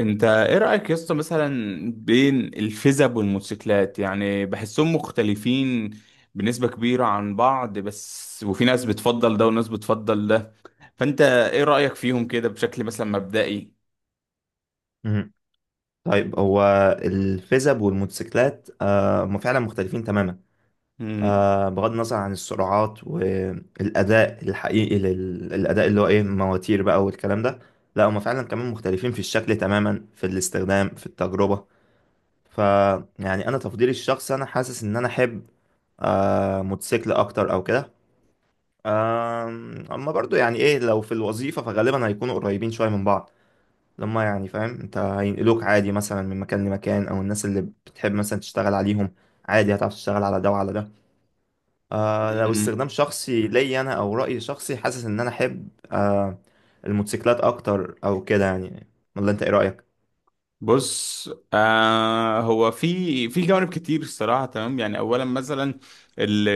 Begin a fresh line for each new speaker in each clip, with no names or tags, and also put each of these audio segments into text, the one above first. انت ايه رأيك يا اسطى مثلا بين الفيزب والموتوسيكلات؟ يعني بحسهم مختلفين بنسبة كبيرة عن بعض، بس وفي ناس بتفضل ده وناس بتفضل ده. فانت ايه رأيك فيهم كده بشكل مثلا مبدئي؟
مهم. طيب هو الفيزب والموتوسيكلات هم فعلا مختلفين تماما.
مم.
بغض النظر عن السرعات والأداء الحقيقي للأداء اللي هو إيه مواتير بقى والكلام ده. لا هم فعلا كمان مختلفين في الشكل تماما في الاستخدام في التجربة. ف يعني أنا تفضيلي الشخصي أنا حاسس إن أنا أحب موتوسيكل أكتر أو كده. أما برضو يعني إيه لو في الوظيفة فغالبا هيكونوا قريبين شوية من بعض. لما يعني فاهم انت هينقلوك عادي مثلا من مكان لمكان او الناس اللي بتحب مثلا تشتغل عليهم عادي هتعرف تشتغل على ده وعلى ده. لو استخدام شخصي ليا انا او رأي شخصي حاسس ان انا احب الموتوسيكلات اكتر او كده يعني. ولا انت ايه رأيك؟
بص، هو في جوانب كتير الصراحه، تمام؟ يعني اولا مثلا ال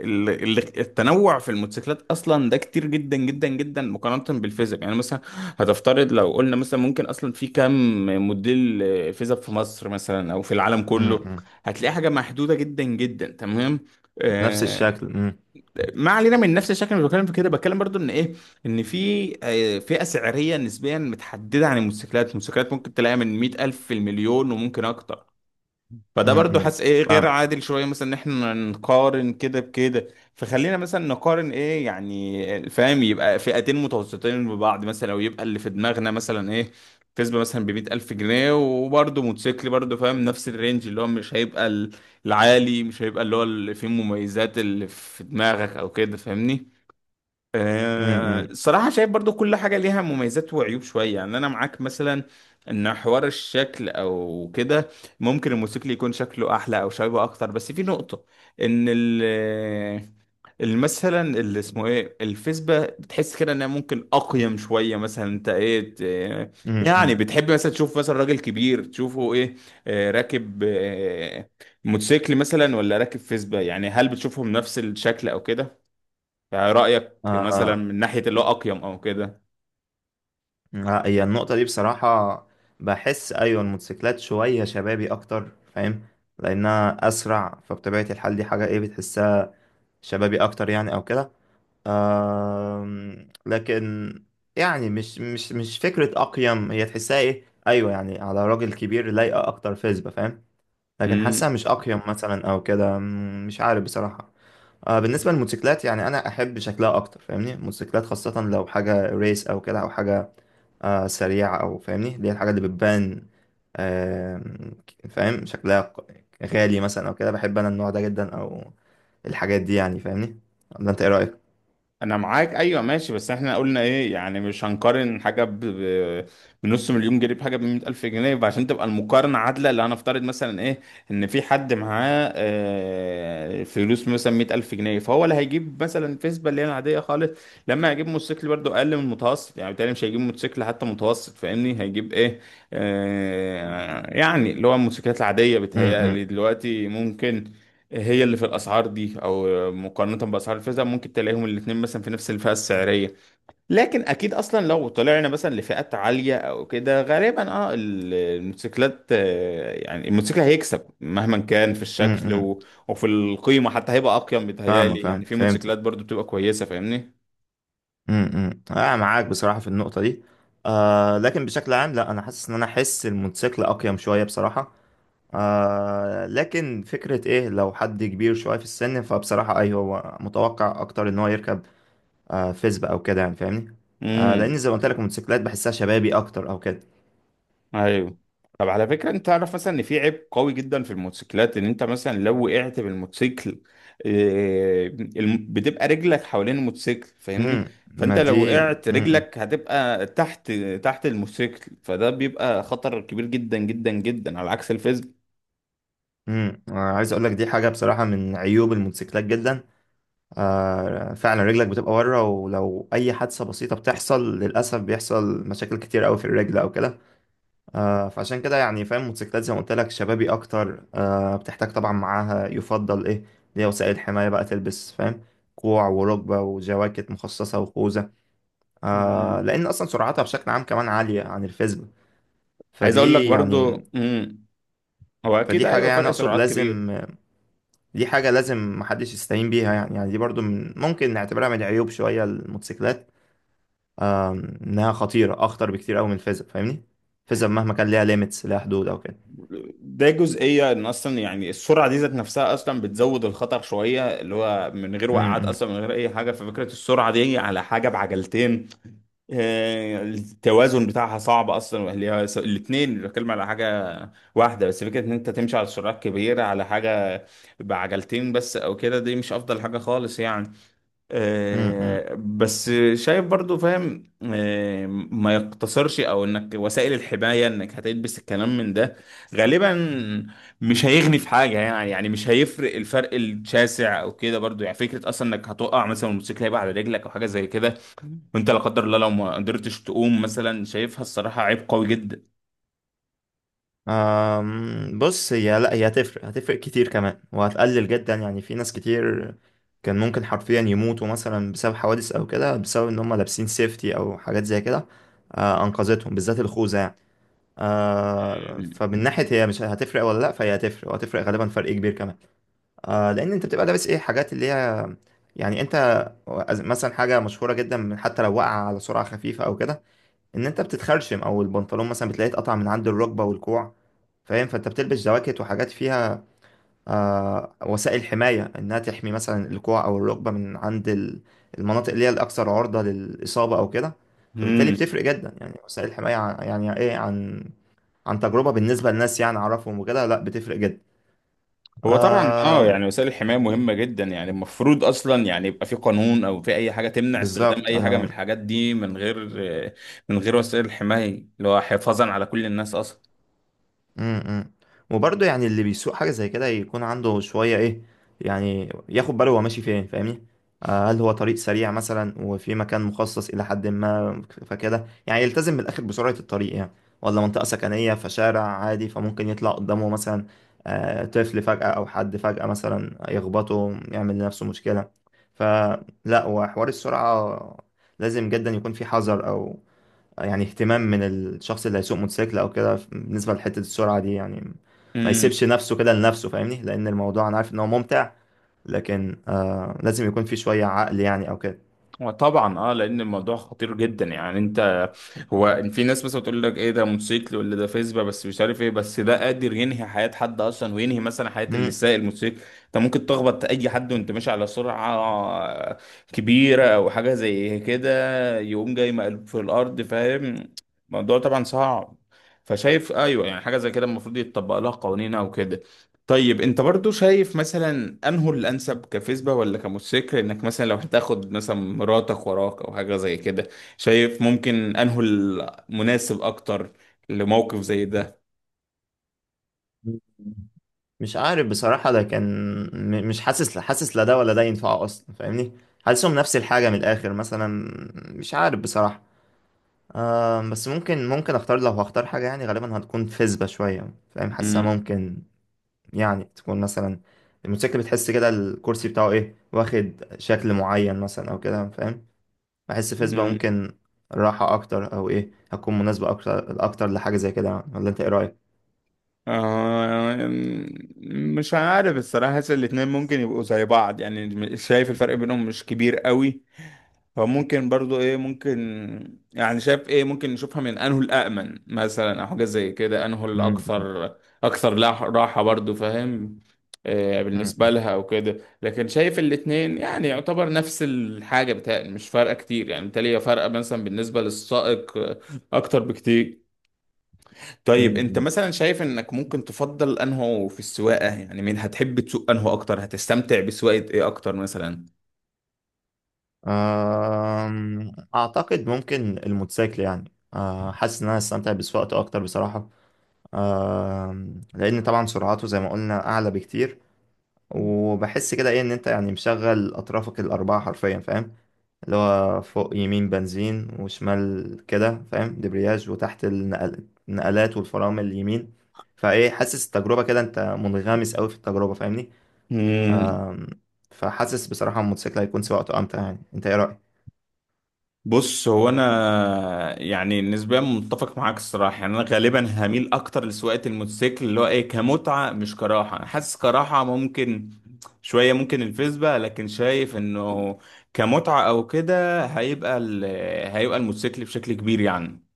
ال ال التنوع في الموتوسيكلات اصلا ده كتير جدا جدا جدا مقارنه بالفيزيك. يعني مثلا هتفترض لو قلنا مثلا ممكن اصلا في كام موديل فيزيك في مصر مثلا او في العالم كله؟
امم.
هتلاقي حاجه محدوده جدا جدا. تمام؟
نفس
آه،
الشكل. امم.
ما علينا من نفس الشكل، اللي بتكلم في كده بتكلم برضو ان ايه، ان في فئه سعريه نسبيا متحدده. عن الموتوسيكلات، الموتوسيكلات ممكن تلاقيها من 100,000 في المليون، وممكن اكتر. فده برضو
امم.
حاسس ايه، إيه، غير
فاهم.
عادل شويه مثلا ان احنا نقارن كده بكده. فخلينا مثلا نقارن ايه، يعني فاهم، يبقى فئتين متوسطين ببعض مثلا، او يبقى اللي في دماغنا مثلا ايه، كسبه مثلا بمية ألف جنيه وبرضه موتوسيكل برضه، فاهم؟ نفس الرينج اللي هو مش هيبقى العالي، مش هيبقى اللي هو اللي فيه مميزات اللي في دماغك أو كده، فاهمني؟
امم.
الصراحة شايف برضو كل حاجة ليها مميزات وعيوب شوية. يعني أنا معاك مثلا إن حوار الشكل أو كده ممكن الموسيقى يكون شكله أحلى أو شبابي أكتر، بس في نقطة إن مثلا اللي اسمه إيه الفيسبا بتحس كده إنها ممكن أقيم شوية. مثلا أنت يعني
امم.
بتحب مثلا تشوف مثلا راجل كبير تشوفه إيه، راكب موتوسيكل مثلا ولا راكب فيسبا؟ يعني هل بتشوفهم نفس الشكل أو كده؟ يعني رأيك مثلا
آه
من ناحية اللي هو أقيم أو كده؟
لا، هي النقطة دي بصراحة بحس أيوة الموتوسيكلات شوية شبابي أكتر فاهم لأنها أسرع فبطبيعة الحال دي حاجة إيه بتحسها شبابي أكتر يعني أو كده. لكن يعني مش فكرة أقيم هي تحسها إيه أيوة يعني على راجل كبير لايقة أكتر فيسبا فاهم. لكن
امم
حاسها مش أقيم مثلا أو كده. مش عارف بصراحة. بالنسبة للموتوسيكلات يعني أنا أحب شكلها أكتر فاهمني. الموتوسيكلات خاصة لو حاجة ريس أو كده أو حاجة سريعة أو فاهمني اللي هي الحاجة اللي بتبان. آه فاهم شكلها غالي مثلا أو كده. بحب أنا النوع ده جدا أو الحاجات دي يعني فاهمني. ولا أنت إيه رأيك؟
أنا معاك أيوه ماشي. بس إحنا قلنا إيه، يعني مش هنقارن حاجة بنص مليون جنيه بحاجة بمية ألف جنيه، عشان تبقى المقارنة عادلة. اللي هنفترض مثلا إيه إن في حد معاه فلوس مثلا مية ألف جنيه، فهو اللي هيجيب مثلا فيسبا اللي هي العادية خالص. لما هيجيب موتوسيكل برضه أقل من المتوسط، يعني بالتالي مش هيجيب موتوسيكل حتى متوسط، فاهمني؟ هيجيب إيه، يعني اللي هو الموتوسيكلات العادية
امم.
بتهيألي دلوقتي ممكن هي اللي في الاسعار دي، او مقارنه باسعار الفئه ممكن تلاقيهم الاثنين مثلا في نفس الفئه السعريه. لكن اكيد اصلا لو طلعنا مثلا لفئات عاليه او كده غالبا الموتوسيكلات، يعني الموتوسيكل هيكسب مهما كان في الشكل
امم.
وفي القيمه حتى، هيبقى اقيم بيتهيألي.
فاهمك.
يعني
فاهم.
في
فهمتك.
موتوسيكلات برضو بتبقى كويسه فاهمني.
امم. أنا معاك بصراحة في النقطة دي. لكن بشكل عام لا أنا حاسس إن أنا أحس الموتوسيكل أقيم شوية بصراحة. لكن فكرة إيه لو حد كبير شوية في السن فبصراحة أيوه هو متوقع أكتر إن هو يركب فيسبا او كده يعني فاهمني. لان
امم
زي ما قلت لك الموتوسيكلات بحسها شبابي اكتر او كده.
ايوه. طب على فكره، انت تعرف مثلا ان في عيب قوي جدا في الموتوسيكلات، ان انت مثلا لو وقعت بالموتوسيكل، بتبقى رجلك حوالين الموتوسيكل فاهمني.
امم. ما
فانت
دي
لو وقعت
امم.
رجلك هتبقى تحت، تحت الموتوسيكل. فده بيبقى خطر كبير جدا جدا جدا على عكس الفيزيك.
امم. عايز اقول لك دي حاجه بصراحه من عيوب الموتوسيكلات جدا. فعلا رجلك بتبقى بره ولو اي حادثه بسيطه بتحصل للاسف بيحصل مشاكل كتير قوي في الرجل او كده. فعشان كده يعني فاهم الموتوسيكلات زي ما قلت لك شبابي اكتر. بتحتاج طبعا معاها يفضل ايه اللي هي وسائل حمايه بقى تلبس فاهم. كوع وركبه وجواكت مخصصه وخوذه.
مم.
لان اصلا سرعتها بشكل عام كمان عاليه عن الفيسبوك.
عايز اقول لك
فدي يعني.
برضو، هو اكيد
فدي حاجه
ايوه
يعني
فرق
اقصد
سرعات كبير.
لازم. دي حاجه لازم محدش يستهين بيها يعني. يعني دي برضو من ممكن نعتبرها من العيوب شويه الموتوسيكلات. آه انها خطيره اخطر بكتير قوي من الفيسبوك فاهمني. الفيسبوك مهما كان ليها ليميتس ليها حدود او كده.
ده جزئية ان اصلا يعني السرعة دي ذات نفسها اصلا بتزود الخطر شوية، اللي هو من غير وقعات
امم.
اصلا، من غير اي حاجة. ففكرة السرعة دي على حاجة بعجلتين، التوازن بتاعها صعب اصلا. الاتنين بتكلم على حاجة واحدة، بس فكرة ان انت تمشي على سرعات كبيرة على حاجة بعجلتين بس او كده، دي مش افضل حاجة خالص يعني. بس شايف برضو فاهم، ما يقتصرش، او انك وسائل الحماية انك هتلبس الكلام من ده غالبا مش هيغني في حاجة يعني، يعني مش هيفرق الفرق الشاسع او كده برضو. يعني فكرة اصلا انك هتقع مثلا والموتوسيكل هيبقى على رجلك او حاجة زي كده، وانت لا قدر الله لو ما قدرتش تقوم مثلا، شايفها الصراحة عيب قوي جدا.
بص لا هي هتفرق كتير كمان وهتقلل جدا يعني في ناس كتير كان ممكن حرفيا يموتوا مثلا بسبب حوادث او كده بسبب ان هم لابسين سيفتي او حاجات زي كده. انقذتهم بالذات الخوذه يعني. فمن ناحيه هي مش هتفرق ولا لا فهي هتفرق وهتفرق غالبا فرق كبير كمان. لان انت بتبقى لابس ايه حاجات اللي هي يعني انت مثلا حاجه مشهوره جدا من حتى لو وقع على سرعه خفيفه او كده ان انت بتتخرشم او البنطلون مثلا بتلاقيه اتقطع من عند الركبه والكوع فاهم. فانت بتلبس جواكت وحاجات فيها وسائل حمايه انها تحمي مثلا الكوع او الركبه من عند المناطق اللي هي الاكثر عرضه للاصابه او كده. فبالتالي
مم.
بتفرق جدا يعني وسائل الحمايه يعني ايه عن تجربه بالنسبه للناس يعني اعرفهم وكده لا بتفرق جدا.
هو طبعا
آه
يعني وسائل الحماية مهمة جدا. يعني المفروض اصلا، يعني يبقى في قانون او في اي حاجة تمنع استخدام
بالظبط
اي حاجة من
انا.
الحاجات دي من غير وسائل الحماية، اللي هو حفاظا على كل الناس اصلا.
امم. امم. وبرضه يعني اللي بيسوق حاجة زي كده يكون عنده شوية ايه يعني ياخد باله هو ماشي فين فاهمني. هل هو طريق سريع مثلا وفي مكان مخصص إلى حد ما فكده يعني يلتزم من الآخر بسرعة الطريق يعني. ولا منطقة سكنية فشارع عادي فممكن يطلع قدامه مثلا طفل فجأة أو حد فجأة مثلا يخبطه يعمل لنفسه مشكلة. فلا وحوار السرعة لازم جدا يكون في حذر أو يعني اهتمام من الشخص اللي هيسوق موتوسيكل او كده بالنسبه لحته السرعه دي يعني. ما يسيبش نفسه كده لنفسه فاهمني لان الموضوع انا عارف ان هو ممتع. لكن لازم يكون في شويه عقل يعني او كده.
وطبعا لان الموضوع خطير جدا. يعني انت، هو في ناس مثلا بتقول لك ايه ده موتوسيكل ولا ده فيسبا بس، مش عارف ايه، بس ده قادر ينهي حياة حد اصلا، وينهي مثلا حياة اللي
مم.
سايق الموتوسيكل. انت ممكن تخبط اي حد وانت ماشي على سرعة كبيرة او حاجة زي كده، يقوم جاي مقلوب في الارض فاهم. الموضوع طبعا صعب. فشايف ايوه، يعني حاجة زي كده المفروض يتطبق لها قوانين او كده. طيب انت برضو شايف مثلا انه الانسب كفيسبا ولا كموتوسيكل انك مثلا لو هتاخد مثلا مراتك وراك او حاجه زي كده؟ شايف ممكن انه المناسب اكتر لموقف زي ده؟
مش عارف بصراحه لكن مش حاسس لا ده ولا ده ينفعه اصلا فاهمني. حاسسهم نفس الحاجه من الاخر مثلا. مش عارف بصراحه. بس ممكن اختار لو هختار حاجه يعني غالبا هتكون فيسبا شويه فاهم. حاسسها
مم.
ممكن يعني تكون مثلا. الموتوسيكل بتحس كده الكرسي بتاعه ايه واخد شكل معين مثلا او كده فاهم. بحس
مم.
فيسبا
مم.
ممكن راحة اكتر او ايه هتكون مناسبة اكتر اكتر لحاجة زي كده. ولا انت ايه رأيك؟
آه مش عارف الصراحه. حاسس الاتنين ممكن يبقوا زي بعض يعني. شايف الفرق بينهم مش كبير قوي. فممكن برضو ايه ممكن، يعني شايف ايه ممكن نشوفها من انه الامن مثلا او حاجه زي كده، انه
مم،
الاكثر، اكثر راحه برضو فاهم،
مم،
بالنسبه لها او كده. لكن شايف الاتنين يعني يعتبر نفس الحاجه بتاعي، مش فارقه كتير يعني. بالتالي هي فارقه مثلا بالنسبه للسائق اكتر بكتير.
مم،
طيب انت
مم.
مثلا شايف انك ممكن تفضل انه في السواقه، يعني مين هتحب تسوق انه اكتر، هتستمتع بسواقه ايه اكتر مثلا؟
اعتقد ممكن الموتوسيكل يعني حاسس ان انا استمتع بسواقته اكتر بصراحة. لان طبعا سرعته زي ما قلنا اعلى بكتير. وبحس كده ايه ان انت يعني مشغل اطرافك الاربعة حرفيا فاهم. اللي هو فوق يمين بنزين وشمال كده فاهم دبرياج وتحت النقلات والفرامل اليمين. فايه حاسس التجربة كده انت منغمس قوي في التجربة فاهمني.
مم.
فحاسس بصراحة الموتوسيكل هيكون سواقته امتع يعني انت ايه رأيك؟
بص، هو انا يعني نسبيا متفق معاك الصراحه. يعني انا غالبا هميل اكتر لسواقه الموتوسيكل اللي هو ايه كمتعه مش كراحه. انا حاسس كراحه ممكن شويه ممكن الفيسبا، لكن شايف انه كمتعه او كده هيبقى هيبقى الموتوسيكل بشكل كبير يعني.